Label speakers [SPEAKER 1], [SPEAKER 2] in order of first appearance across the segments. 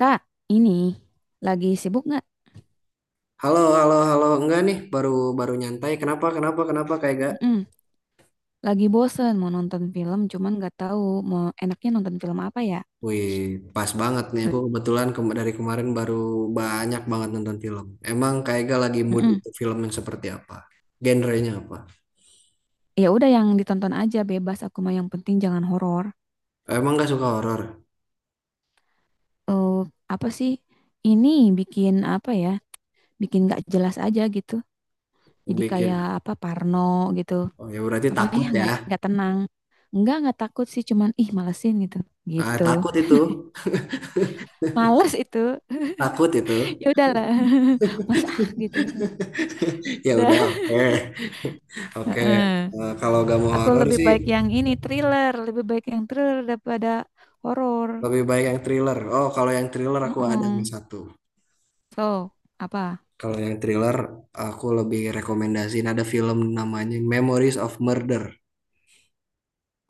[SPEAKER 1] Kak, ini lagi sibuk nggak?
[SPEAKER 2] Halo, halo, halo. Enggak nih, baru baru nyantai. Kenapa, kenapa, kenapa kayak gak?
[SPEAKER 1] Mm-mm. Lagi bosen mau nonton film, cuman nggak tahu mau enaknya nonton film apa ya.
[SPEAKER 2] Wih, pas banget nih. Aku kebetulan dari kemarin baru banyak banget nonton film. Emang kayak gak lagi mood
[SPEAKER 1] Mm-mm.
[SPEAKER 2] untuk film yang seperti apa? Genrenya apa?
[SPEAKER 1] Ya udah yang ditonton aja bebas. Aku mah yang penting jangan horor.
[SPEAKER 2] Emang gak suka horor?
[SPEAKER 1] Eh, apa sih? Ini bikin apa ya? Bikin nggak jelas aja gitu. Jadi
[SPEAKER 2] Bikin.
[SPEAKER 1] kayak apa Parno gitu.
[SPEAKER 2] Oh ya berarti
[SPEAKER 1] Apa
[SPEAKER 2] takut
[SPEAKER 1] ya
[SPEAKER 2] ya.
[SPEAKER 1] nggak tenang. Enggak, nggak takut sih, cuman ih malesin gitu.
[SPEAKER 2] Ah,
[SPEAKER 1] Gitu.
[SPEAKER 2] takut itu.
[SPEAKER 1] Males itu.
[SPEAKER 2] Takut itu.
[SPEAKER 1] Ya udahlah. Mas ah gitu.
[SPEAKER 2] Ya
[SPEAKER 1] Udah.
[SPEAKER 2] udah, oke. Oke.
[SPEAKER 1] Heeh.
[SPEAKER 2] Eh, kalau gak mau
[SPEAKER 1] Aku
[SPEAKER 2] horor
[SPEAKER 1] lebih
[SPEAKER 2] sih
[SPEAKER 1] baik yang ini thriller, lebih baik yang thriller daripada horor.
[SPEAKER 2] lebih baik yang thriller. Oh, kalau yang thriller aku ada
[SPEAKER 1] Heeh.
[SPEAKER 2] nih satu.
[SPEAKER 1] So, apa?
[SPEAKER 2] Kalau yang thriller, aku lebih rekomendasiin ada film namanya Memories of Murder.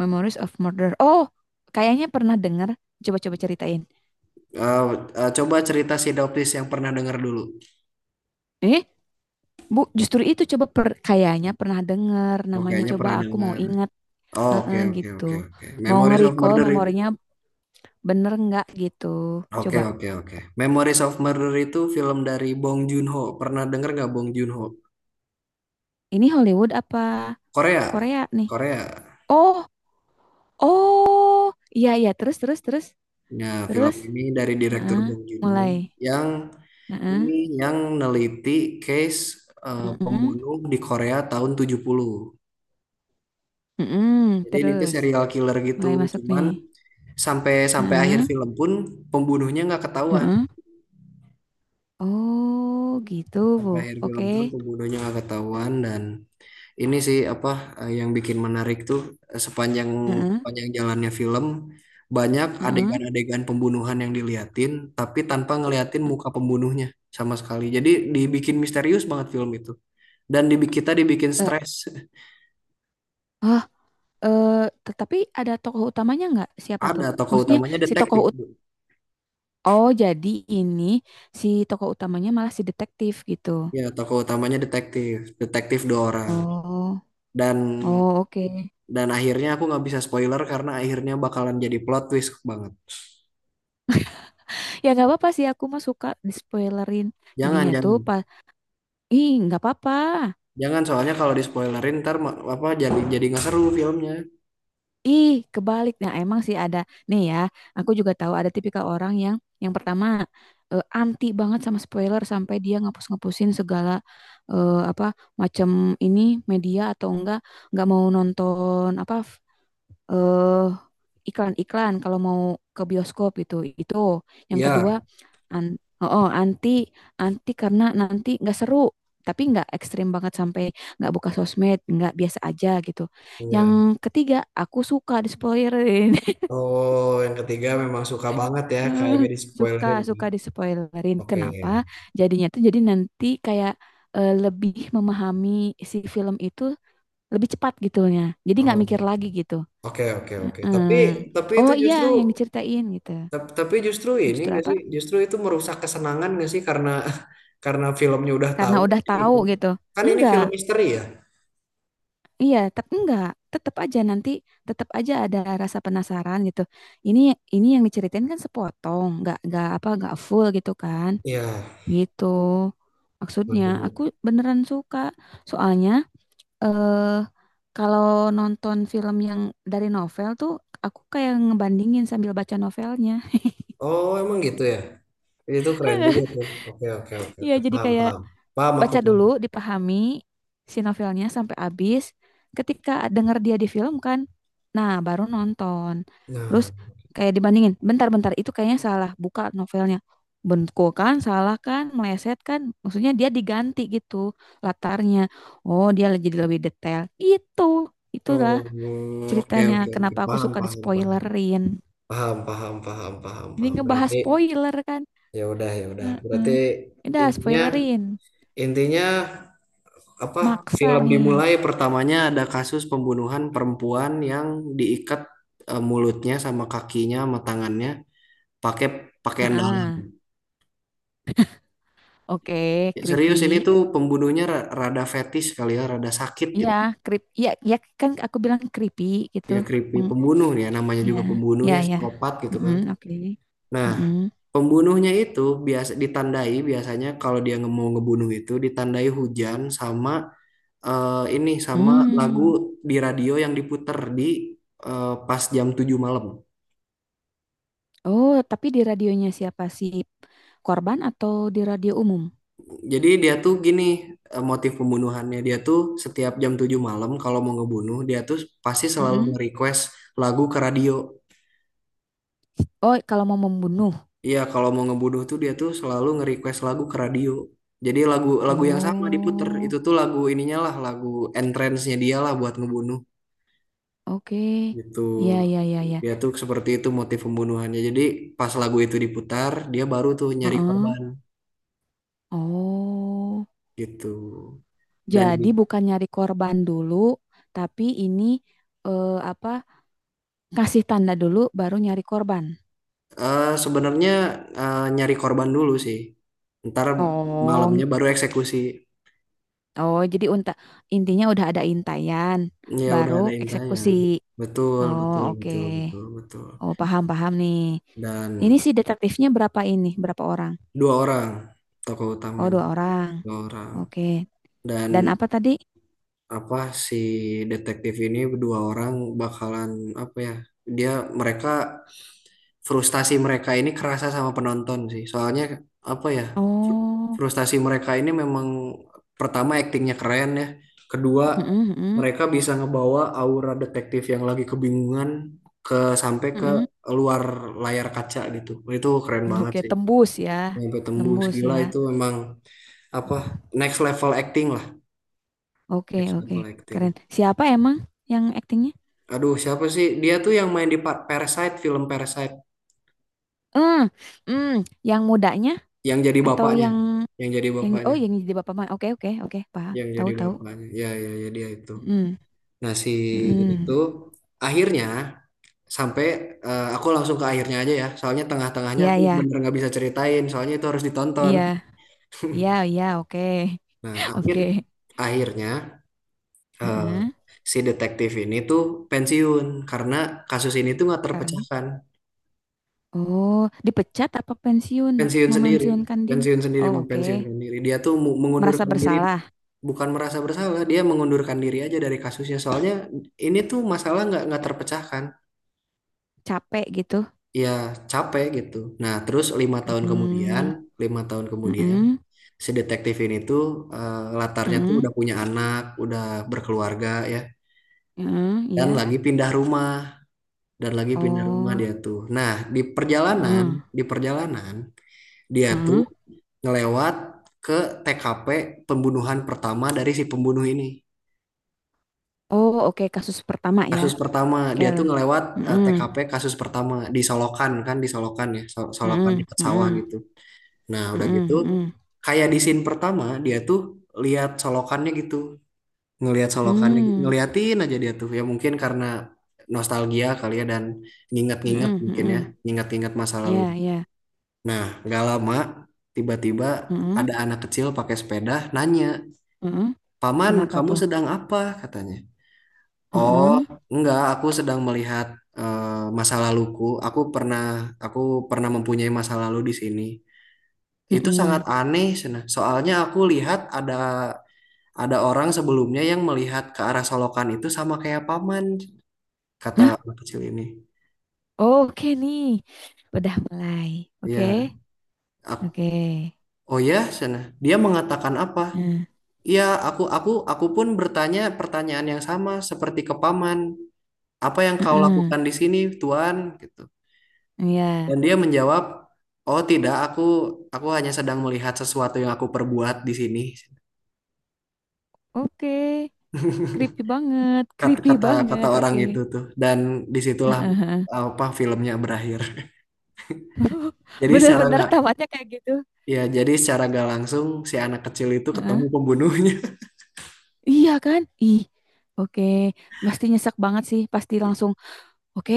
[SPEAKER 1] Memories of Murder. Oh, kayaknya pernah dengar. Coba-coba ceritain.
[SPEAKER 2] Eh, coba cerita sinopsis yang pernah dengar dulu.
[SPEAKER 1] Eh, Bu, justru itu kayaknya pernah dengar
[SPEAKER 2] Oh,
[SPEAKER 1] namanya
[SPEAKER 2] kayaknya
[SPEAKER 1] coba
[SPEAKER 2] pernah
[SPEAKER 1] aku mau
[SPEAKER 2] dengar.
[SPEAKER 1] ingat.
[SPEAKER 2] Oh, oke,
[SPEAKER 1] Heeh,
[SPEAKER 2] oke,
[SPEAKER 1] gitu.
[SPEAKER 2] oke, oke.
[SPEAKER 1] Mau
[SPEAKER 2] Memories of
[SPEAKER 1] nge-recall
[SPEAKER 2] Murder itu.
[SPEAKER 1] memorinya bener nggak gitu.
[SPEAKER 2] Oke,
[SPEAKER 1] Coba.
[SPEAKER 2] oke, oke. Memories of Murder itu film dari Bong Joon-ho. Pernah dengar nggak Bong Joon-ho?
[SPEAKER 1] Ini Hollywood apa
[SPEAKER 2] Korea.
[SPEAKER 1] Korea nih?
[SPEAKER 2] Korea.
[SPEAKER 1] Oh, oh. Iya, iya, terus terus terus.
[SPEAKER 2] Nah, film
[SPEAKER 1] Terus.
[SPEAKER 2] ini dari direktur
[SPEAKER 1] Heeh,
[SPEAKER 2] Bong Joon-ho
[SPEAKER 1] mulai.
[SPEAKER 2] yang
[SPEAKER 1] Heeh.
[SPEAKER 2] ini yang neliti case
[SPEAKER 1] Mhm,
[SPEAKER 2] pembunuh di Korea tahun 70.
[SPEAKER 1] mhm,
[SPEAKER 2] Jadi ini tuh
[SPEAKER 1] terus
[SPEAKER 2] serial killer gitu,
[SPEAKER 1] mulai masuk nih.
[SPEAKER 2] cuman sampai sampai akhir
[SPEAKER 1] Heeh,
[SPEAKER 2] film pun pembunuhnya nggak ketahuan.
[SPEAKER 1] heeh. Oh, gitu.
[SPEAKER 2] Sampai akhir film
[SPEAKER 1] Oke.
[SPEAKER 2] pun pembunuhnya nggak ketahuan. Dan ini sih apa yang bikin menarik tuh sepanjang
[SPEAKER 1] Heeh,
[SPEAKER 2] sepanjang jalannya film banyak
[SPEAKER 1] heeh.
[SPEAKER 2] adegan-adegan pembunuhan yang diliatin tapi tanpa ngeliatin muka pembunuhnya sama sekali. Jadi dibikin misterius banget film itu. Dan dibikin kita dibikin
[SPEAKER 1] Eh,
[SPEAKER 2] stres.
[SPEAKER 1] ah, eh, tetapi ada tokoh utamanya nggak? Siapa
[SPEAKER 2] Ada
[SPEAKER 1] tuh?
[SPEAKER 2] tokoh
[SPEAKER 1] Maksudnya
[SPEAKER 2] utamanya
[SPEAKER 1] si tokoh
[SPEAKER 2] detektif.
[SPEAKER 1] ut
[SPEAKER 2] Bu.
[SPEAKER 1] Oh, jadi ini si tokoh utamanya malah si detektif gitu.
[SPEAKER 2] Ya, tokoh utamanya detektif. Detektif dua orang.
[SPEAKER 1] Oh,
[SPEAKER 2] dan
[SPEAKER 1] oh oke.
[SPEAKER 2] dan akhirnya aku nggak bisa spoiler karena akhirnya bakalan jadi plot twist banget.
[SPEAKER 1] Ya nggak apa-apa sih aku mah suka di spoilerin.
[SPEAKER 2] Jangan,
[SPEAKER 1] Jadinya tuh
[SPEAKER 2] jangan.
[SPEAKER 1] pas, ih nggak apa-apa.
[SPEAKER 2] Jangan soalnya kalau di spoilerin ntar apa jadi nggak seru filmnya.
[SPEAKER 1] Ih, kebalik. Nah, emang sih ada. Nih ya, aku juga tahu ada tipikal orang yang pertama anti banget sama spoiler sampai dia ngapus-ngapusin segala apa macam ini media atau enggak mau nonton apa eh iklan-iklan kalau mau ke bioskop gitu. Itu yang kedua
[SPEAKER 2] Iya.
[SPEAKER 1] an oh, oh, anti anti karena nanti nggak seru, tapi nggak ekstrim banget sampai nggak buka sosmed, nggak biasa aja gitu. Yang
[SPEAKER 2] Iya.
[SPEAKER 1] ketiga, aku suka dispoilerin.
[SPEAKER 2] Oh, yang ketiga memang suka banget ya kayak gak di
[SPEAKER 1] Suka
[SPEAKER 2] spoilerin.
[SPEAKER 1] suka dispoilerin.
[SPEAKER 2] Oke.
[SPEAKER 1] Kenapa? Jadinya tuh jadi nanti kayak lebih memahami si film itu lebih cepat gitunya. Jadi nggak mikir
[SPEAKER 2] Oh,
[SPEAKER 1] lagi gitu.
[SPEAKER 2] oke oke oke.
[SPEAKER 1] Heeh.
[SPEAKER 2] Tapi itu
[SPEAKER 1] Oh iya,
[SPEAKER 2] justru
[SPEAKER 1] yang diceritain gitu.
[SPEAKER 2] tapi justru ini
[SPEAKER 1] Justru
[SPEAKER 2] nggak
[SPEAKER 1] apa?
[SPEAKER 2] sih? Justru itu merusak kesenangan nggak sih karena karena filmnya udah
[SPEAKER 1] Karena
[SPEAKER 2] tahu
[SPEAKER 1] udah tahu
[SPEAKER 2] gitu.
[SPEAKER 1] gitu.
[SPEAKER 2] Kan ini
[SPEAKER 1] Enggak.
[SPEAKER 2] film misteri ya?
[SPEAKER 1] Iya, tetap enggak. Tetap aja nanti tetap aja ada rasa penasaran gitu. Ini ini yang diceritain kan sepotong, enggak apa enggak full gitu kan.
[SPEAKER 2] Iya.
[SPEAKER 1] Gitu.
[SPEAKER 2] Oh,
[SPEAKER 1] Maksudnya
[SPEAKER 2] jadi
[SPEAKER 1] aku beneran suka. Soalnya eh kalau nonton film yang dari novel tuh aku kayak ngebandingin sambil baca novelnya.
[SPEAKER 2] Oh, emang gitu ya? Itu keren juga tuh. Oke, oke, oke,
[SPEAKER 1] Iya,
[SPEAKER 2] oke.
[SPEAKER 1] jadi
[SPEAKER 2] Paham,
[SPEAKER 1] kayak
[SPEAKER 2] paham. Paham, aku
[SPEAKER 1] baca
[SPEAKER 2] paham.
[SPEAKER 1] dulu, dipahami si novelnya sampai habis. Ketika denger dia di film kan, nah baru nonton. Terus
[SPEAKER 2] Nah,
[SPEAKER 1] kayak dibandingin, bentar-bentar itu kayaknya salah, buka novelnya. Bentuk kan, salah kan, meleset kan. Maksudnya dia diganti gitu latarnya. Oh, dia jadi lebih detail. Itulah
[SPEAKER 2] oh, oke,
[SPEAKER 1] ceritanya
[SPEAKER 2] oke, oke.
[SPEAKER 1] kenapa aku
[SPEAKER 2] Paham,
[SPEAKER 1] suka di
[SPEAKER 2] paham, paham.
[SPEAKER 1] spoilerin.
[SPEAKER 2] Paham, paham, paham, paham,
[SPEAKER 1] Ini
[SPEAKER 2] paham.
[SPEAKER 1] ngebahas
[SPEAKER 2] Berarti
[SPEAKER 1] spoiler kan.
[SPEAKER 2] ya udah, ya udah. Berarti
[SPEAKER 1] Heeh. Udah
[SPEAKER 2] intinya
[SPEAKER 1] spoilerin,
[SPEAKER 2] intinya apa?
[SPEAKER 1] maksa
[SPEAKER 2] Film
[SPEAKER 1] nih.
[SPEAKER 2] dimulai pertamanya ada kasus pembunuhan perempuan yang diikat mulutnya sama kakinya sama tangannya pakai pakaian dalam.
[SPEAKER 1] Heeh. Oke,
[SPEAKER 2] Serius ini
[SPEAKER 1] creepy.
[SPEAKER 2] tuh pembunuhnya rada fetis kali ya, rada sakit
[SPEAKER 1] Iya,
[SPEAKER 2] gitu.
[SPEAKER 1] creep. Iya, ya kan aku bilang creepy gitu.
[SPEAKER 2] Ya creepy
[SPEAKER 1] Meng-
[SPEAKER 2] pembunuh ya namanya
[SPEAKER 1] ya,
[SPEAKER 2] juga pembunuh
[SPEAKER 1] ya,
[SPEAKER 2] ya
[SPEAKER 1] ya.
[SPEAKER 2] psikopat gitu
[SPEAKER 1] Mm,
[SPEAKER 2] kan.
[SPEAKER 1] oke.
[SPEAKER 2] Nah,
[SPEAKER 1] Mm-mm.
[SPEAKER 2] pembunuhnya itu biasa ditandai biasanya kalau dia mau ngebunuh itu ditandai hujan sama ini sama lagu
[SPEAKER 1] Hmm.
[SPEAKER 2] di radio yang diputer pas jam 7 malam.
[SPEAKER 1] Oh, tapi di radionya siapa sih? Korban atau di radio umum?
[SPEAKER 2] Jadi dia tuh gini motif pembunuhannya dia tuh setiap jam 7 malam kalau mau ngebunuh dia tuh pasti selalu
[SPEAKER 1] Mm-mm.
[SPEAKER 2] nge-request lagu ke radio.
[SPEAKER 1] Oh, kalau mau membunuh.
[SPEAKER 2] Iya, kalau mau ngebunuh tuh dia tuh selalu nge-request lagu ke radio. Jadi lagu lagu yang sama diputer. Itu
[SPEAKER 1] Oh,
[SPEAKER 2] tuh lagu ininya lah, lagu entrance-nya dia lah buat ngebunuh
[SPEAKER 1] oke.
[SPEAKER 2] gitu.
[SPEAKER 1] Ya, ya, ya, ya.
[SPEAKER 2] Dia tuh seperti itu motif pembunuhannya. Jadi pas lagu itu diputar, dia baru tuh nyari
[SPEAKER 1] Heeh.
[SPEAKER 2] korban
[SPEAKER 1] Oh.
[SPEAKER 2] gitu. Dan
[SPEAKER 1] Jadi bukan nyari korban dulu, tapi ini apa? Kasih tanda dulu, baru nyari korban.
[SPEAKER 2] sebenarnya nyari korban dulu sih. Ntar
[SPEAKER 1] Oh,
[SPEAKER 2] malamnya baru eksekusi.
[SPEAKER 1] jadi intinya udah ada intayan,
[SPEAKER 2] Ya udah
[SPEAKER 1] baru
[SPEAKER 2] ada intinya.
[SPEAKER 1] eksekusi.
[SPEAKER 2] Betul,
[SPEAKER 1] Oh,
[SPEAKER 2] betul,
[SPEAKER 1] oke.
[SPEAKER 2] betul, betul, betul.
[SPEAKER 1] Oh, paham paham nih.
[SPEAKER 2] Dan
[SPEAKER 1] Ini si detektifnya berapa ini? Berapa orang?
[SPEAKER 2] dua orang, tokoh
[SPEAKER 1] Oh,
[SPEAKER 2] utamanya
[SPEAKER 1] dua orang.
[SPEAKER 2] dua orang.
[SPEAKER 1] Oke.
[SPEAKER 2] Dan
[SPEAKER 1] Dan apa tadi?
[SPEAKER 2] apa, si detektif ini dua orang bakalan apa ya, dia mereka frustasi. Mereka ini kerasa sama penonton sih soalnya apa ya, fr-
[SPEAKER 1] Oh,
[SPEAKER 2] frustasi mereka ini memang. Pertama aktingnya keren ya, kedua
[SPEAKER 1] mm-mm, mm-mm,
[SPEAKER 2] mereka bisa ngebawa aura detektif yang lagi kebingungan ke sampai ke
[SPEAKER 1] mm-mm.
[SPEAKER 2] luar layar kaca gitu, itu keren banget
[SPEAKER 1] Oke,
[SPEAKER 2] sih.
[SPEAKER 1] tembus ya.
[SPEAKER 2] Sampai tembus
[SPEAKER 1] Nembus
[SPEAKER 2] gila
[SPEAKER 1] ya.
[SPEAKER 2] itu memang apa, next level acting lah,
[SPEAKER 1] Oke,
[SPEAKER 2] next
[SPEAKER 1] oke.
[SPEAKER 2] level
[SPEAKER 1] Keren.
[SPEAKER 2] acting.
[SPEAKER 1] Siapa emang yang aktingnya?
[SPEAKER 2] Aduh siapa sih dia tuh yang main di Parasite, film Parasite
[SPEAKER 1] Hmm, hmm, yang mudanya
[SPEAKER 2] yang jadi
[SPEAKER 1] atau
[SPEAKER 2] bapaknya
[SPEAKER 1] yang
[SPEAKER 2] yang jadi
[SPEAKER 1] yang oh
[SPEAKER 2] bapaknya
[SPEAKER 1] yang jadi bapak mah. Oke, oke, oke. Paham. Tahu, tahu.
[SPEAKER 2] ya ya ya dia itu.
[SPEAKER 1] Mhm,
[SPEAKER 2] Nah si ini tuh
[SPEAKER 1] mhm.
[SPEAKER 2] akhirnya sampai aku langsung ke akhirnya aja ya soalnya tengah-tengahnya
[SPEAKER 1] Iya
[SPEAKER 2] aku
[SPEAKER 1] iya.
[SPEAKER 2] bener nggak bisa ceritain soalnya itu harus ditonton.
[SPEAKER 1] Iya. Iya iya, oke.
[SPEAKER 2] Nah
[SPEAKER 1] Oke.
[SPEAKER 2] akhirnya eh,
[SPEAKER 1] Heeh.
[SPEAKER 2] si detektif ini tuh pensiun karena kasus ini tuh nggak
[SPEAKER 1] Karena
[SPEAKER 2] terpecahkan.
[SPEAKER 1] oh, dipecat apa pensiun?
[SPEAKER 2] Pensiun sendiri,
[SPEAKER 1] Memensiunkan Din.
[SPEAKER 2] pensiun sendiri mau
[SPEAKER 1] Oh,
[SPEAKER 2] pensiun
[SPEAKER 1] oke.
[SPEAKER 2] sendiri dia tuh
[SPEAKER 1] Merasa
[SPEAKER 2] mengundurkan diri.
[SPEAKER 1] bersalah,
[SPEAKER 2] Bukan merasa bersalah, dia mengundurkan diri aja dari kasusnya soalnya ini tuh masalah nggak terpecahkan
[SPEAKER 1] capek gitu.
[SPEAKER 2] ya, capek gitu. Nah terus 5 tahun kemudian,
[SPEAKER 1] Hmm.
[SPEAKER 2] 5 tahun kemudian
[SPEAKER 1] Heeh.
[SPEAKER 2] si detektif ini tuh latarnya tuh
[SPEAKER 1] Heeh.
[SPEAKER 2] udah punya anak udah berkeluarga ya,
[SPEAKER 1] Heeh,
[SPEAKER 2] dan
[SPEAKER 1] iya.
[SPEAKER 2] lagi pindah rumah, dan lagi pindah rumah
[SPEAKER 1] Oh.
[SPEAKER 2] dia tuh. Nah di perjalanan,
[SPEAKER 1] Heeh.
[SPEAKER 2] di perjalanan dia tuh
[SPEAKER 1] Heeh.
[SPEAKER 2] ngelewat ke TKP pembunuhan pertama dari si pembunuh ini.
[SPEAKER 1] Oh, oke. Kasus pertama ya.
[SPEAKER 2] Kasus pertama, dia
[SPEAKER 1] Kel.
[SPEAKER 2] tuh ngelewat
[SPEAKER 1] Heeh.
[SPEAKER 2] TKP kasus pertama di Solokan kan, di Solokan ya, Solokan
[SPEAKER 1] Heeh.
[SPEAKER 2] dekat sawah
[SPEAKER 1] Heeh.
[SPEAKER 2] gitu. Nah, udah
[SPEAKER 1] Heeh.
[SPEAKER 2] gitu
[SPEAKER 1] Heeh.
[SPEAKER 2] kayak di scene pertama dia tuh lihat Solokannya gitu, ngelihat Solokannya,
[SPEAKER 1] Hmm.
[SPEAKER 2] ngeliatin aja dia tuh. Ya mungkin karena nostalgia kali ya, dan nginget-nginget
[SPEAKER 1] Heeh.
[SPEAKER 2] mungkin ya,
[SPEAKER 1] Heeh.
[SPEAKER 2] nginget-nginget masa lalu.
[SPEAKER 1] Iya, iya.
[SPEAKER 2] Nah, nggak lama tiba-tiba
[SPEAKER 1] Heeh.
[SPEAKER 2] ada anak kecil pakai sepeda nanya,
[SPEAKER 1] Heeh.
[SPEAKER 2] "Paman,
[SPEAKER 1] Kenapa
[SPEAKER 2] kamu
[SPEAKER 1] tuh?
[SPEAKER 2] sedang apa?" katanya. "Oh,
[SPEAKER 1] Mhm,
[SPEAKER 2] enggak, aku sedang melihat masa laluku. Aku pernah mempunyai masa lalu di sini. Itu sangat
[SPEAKER 1] mhm.
[SPEAKER 2] aneh, Sena. Soalnya aku lihat ada orang sebelumnya yang melihat ke arah solokan itu sama kayak paman," kata
[SPEAKER 1] Nah,
[SPEAKER 2] anak kecil ini.
[SPEAKER 1] oke nih. Udah mulai. Oke.
[SPEAKER 2] Iya. Ak-
[SPEAKER 1] Oke.
[SPEAKER 2] Oh ya, Sena. Dia mengatakan apa?
[SPEAKER 1] Heeh,
[SPEAKER 2] Iya, aku pun bertanya pertanyaan yang sama seperti ke paman. "Apa yang kau
[SPEAKER 1] heeh.
[SPEAKER 2] lakukan di sini, Tuan?" gitu.
[SPEAKER 1] Iya.
[SPEAKER 2] Dan dia menjawab, "Oh tidak, aku hanya sedang melihat sesuatu yang aku perbuat di sini."
[SPEAKER 1] Oke. Creepy banget,
[SPEAKER 2] Kata
[SPEAKER 1] creepy
[SPEAKER 2] kata kata
[SPEAKER 1] banget.
[SPEAKER 2] orang itu
[SPEAKER 1] Oke.
[SPEAKER 2] tuh. Dan disitulah
[SPEAKER 1] Heeh, heeh.
[SPEAKER 2] apa filmnya berakhir. Jadi secara
[SPEAKER 1] Bener-bener
[SPEAKER 2] nggak
[SPEAKER 1] tamatnya kayak gitu.
[SPEAKER 2] jadi secara nggak langsung si anak kecil itu ketemu
[SPEAKER 1] Heeh.
[SPEAKER 2] pembunuhnya.
[SPEAKER 1] Iya kan? Ih. Oke. Pasti nyesek banget sih, pasti langsung. Oke,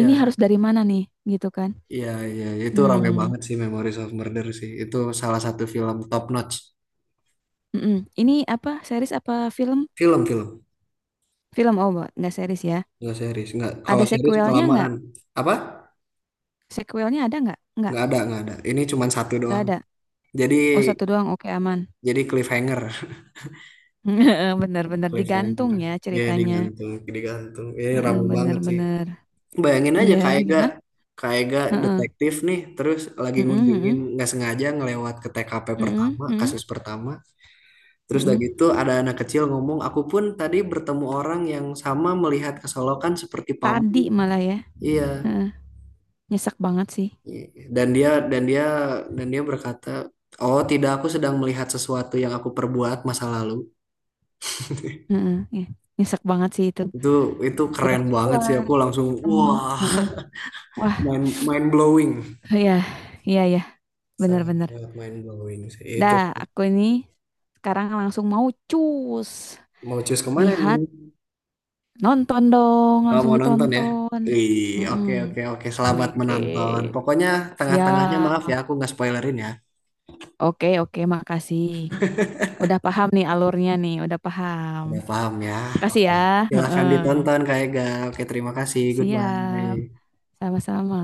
[SPEAKER 1] ini harus dari mana nih gitu kan.
[SPEAKER 2] iya, iya. Itu rame
[SPEAKER 1] Hmm.
[SPEAKER 2] banget sih Memories of Murder sih. Itu salah satu film top notch.
[SPEAKER 1] Mm-mm. Ini apa? Series apa film?
[SPEAKER 2] Film, film.
[SPEAKER 1] Film oh, nggak series ya.
[SPEAKER 2] Nggak series. Nggak, kalau
[SPEAKER 1] Ada
[SPEAKER 2] series
[SPEAKER 1] sequelnya nggak?
[SPEAKER 2] kelamaan. Apa?
[SPEAKER 1] Sequelnya ada nggak?
[SPEAKER 2] Nggak ada, nggak ada. Ini cuma satu
[SPEAKER 1] Nggak
[SPEAKER 2] doang.
[SPEAKER 1] ada.
[SPEAKER 2] Jadi,
[SPEAKER 1] Oh satu doang, oke aman.
[SPEAKER 2] jadi cliffhanger.
[SPEAKER 1] Bener-bener digantung
[SPEAKER 2] Cliffhanger.
[SPEAKER 1] ya
[SPEAKER 2] Ya
[SPEAKER 1] ceritanya.
[SPEAKER 2] digantung, digantung. Ini
[SPEAKER 1] Heeh,
[SPEAKER 2] rame banget sih.
[SPEAKER 1] bener-bener.
[SPEAKER 2] Bayangin aja
[SPEAKER 1] Iya,
[SPEAKER 2] Kak Ega,
[SPEAKER 1] Hah?
[SPEAKER 2] Kak Ega
[SPEAKER 1] Heeh.
[SPEAKER 2] detektif nih, terus lagi
[SPEAKER 1] Mm-mm,
[SPEAKER 2] ngunjungin
[SPEAKER 1] mm-mm,
[SPEAKER 2] nggak sengaja ngelewat ke TKP
[SPEAKER 1] mm-mm,
[SPEAKER 2] pertama,
[SPEAKER 1] mm-mm,
[SPEAKER 2] kasus pertama. Terus udah
[SPEAKER 1] mm-mm.
[SPEAKER 2] gitu ada anak kecil ngomong, "Aku pun tadi bertemu orang yang sama melihat kesolokan seperti
[SPEAKER 1] Tadi
[SPEAKER 2] paman."
[SPEAKER 1] malah ya.
[SPEAKER 2] Iya.
[SPEAKER 1] Heeh. Nyesek banget sih.
[SPEAKER 2] Dan dia dan dia dan dia berkata, "Oh tidak aku sedang melihat sesuatu yang aku perbuat masa lalu."
[SPEAKER 1] Heeh, ya. Nyesek banget sih itu.
[SPEAKER 2] Itu itu
[SPEAKER 1] Udah
[SPEAKER 2] keren banget sih.
[SPEAKER 1] keluar,
[SPEAKER 2] Aku langsung
[SPEAKER 1] ketemu.
[SPEAKER 2] wah,
[SPEAKER 1] Heeh. Wah,
[SPEAKER 2] mind blowing.
[SPEAKER 1] iya, iya, iya.
[SPEAKER 2] Sangat,
[SPEAKER 1] Bener-bener.
[SPEAKER 2] sangat mind blowing sih. Itu
[SPEAKER 1] Dah, aku ini sekarang langsung mau cus.
[SPEAKER 2] mau cus kemana
[SPEAKER 1] Lihat
[SPEAKER 2] nih?
[SPEAKER 1] Nonton dong,
[SPEAKER 2] Oh,
[SPEAKER 1] langsung
[SPEAKER 2] mau nonton ya?
[SPEAKER 1] ditonton.
[SPEAKER 2] Ih, oke
[SPEAKER 1] Mm-mm.
[SPEAKER 2] oke oke. Selamat
[SPEAKER 1] Oke,
[SPEAKER 2] menonton. Pokoknya tengah-tengahnya
[SPEAKER 1] siap.
[SPEAKER 2] maaf ya, aku nggak spoilerin ya.
[SPEAKER 1] Oke, oke, makasih. Udah paham nih alurnya nih, udah paham.
[SPEAKER 2] Udah paham ya?
[SPEAKER 1] Makasih
[SPEAKER 2] Oke.
[SPEAKER 1] ya.
[SPEAKER 2] Silahkan
[SPEAKER 1] Heeh.
[SPEAKER 2] ditonton Kak Ega. Oke, terima kasih.
[SPEAKER 1] Siap,
[SPEAKER 2] Goodbye.
[SPEAKER 1] sama-sama.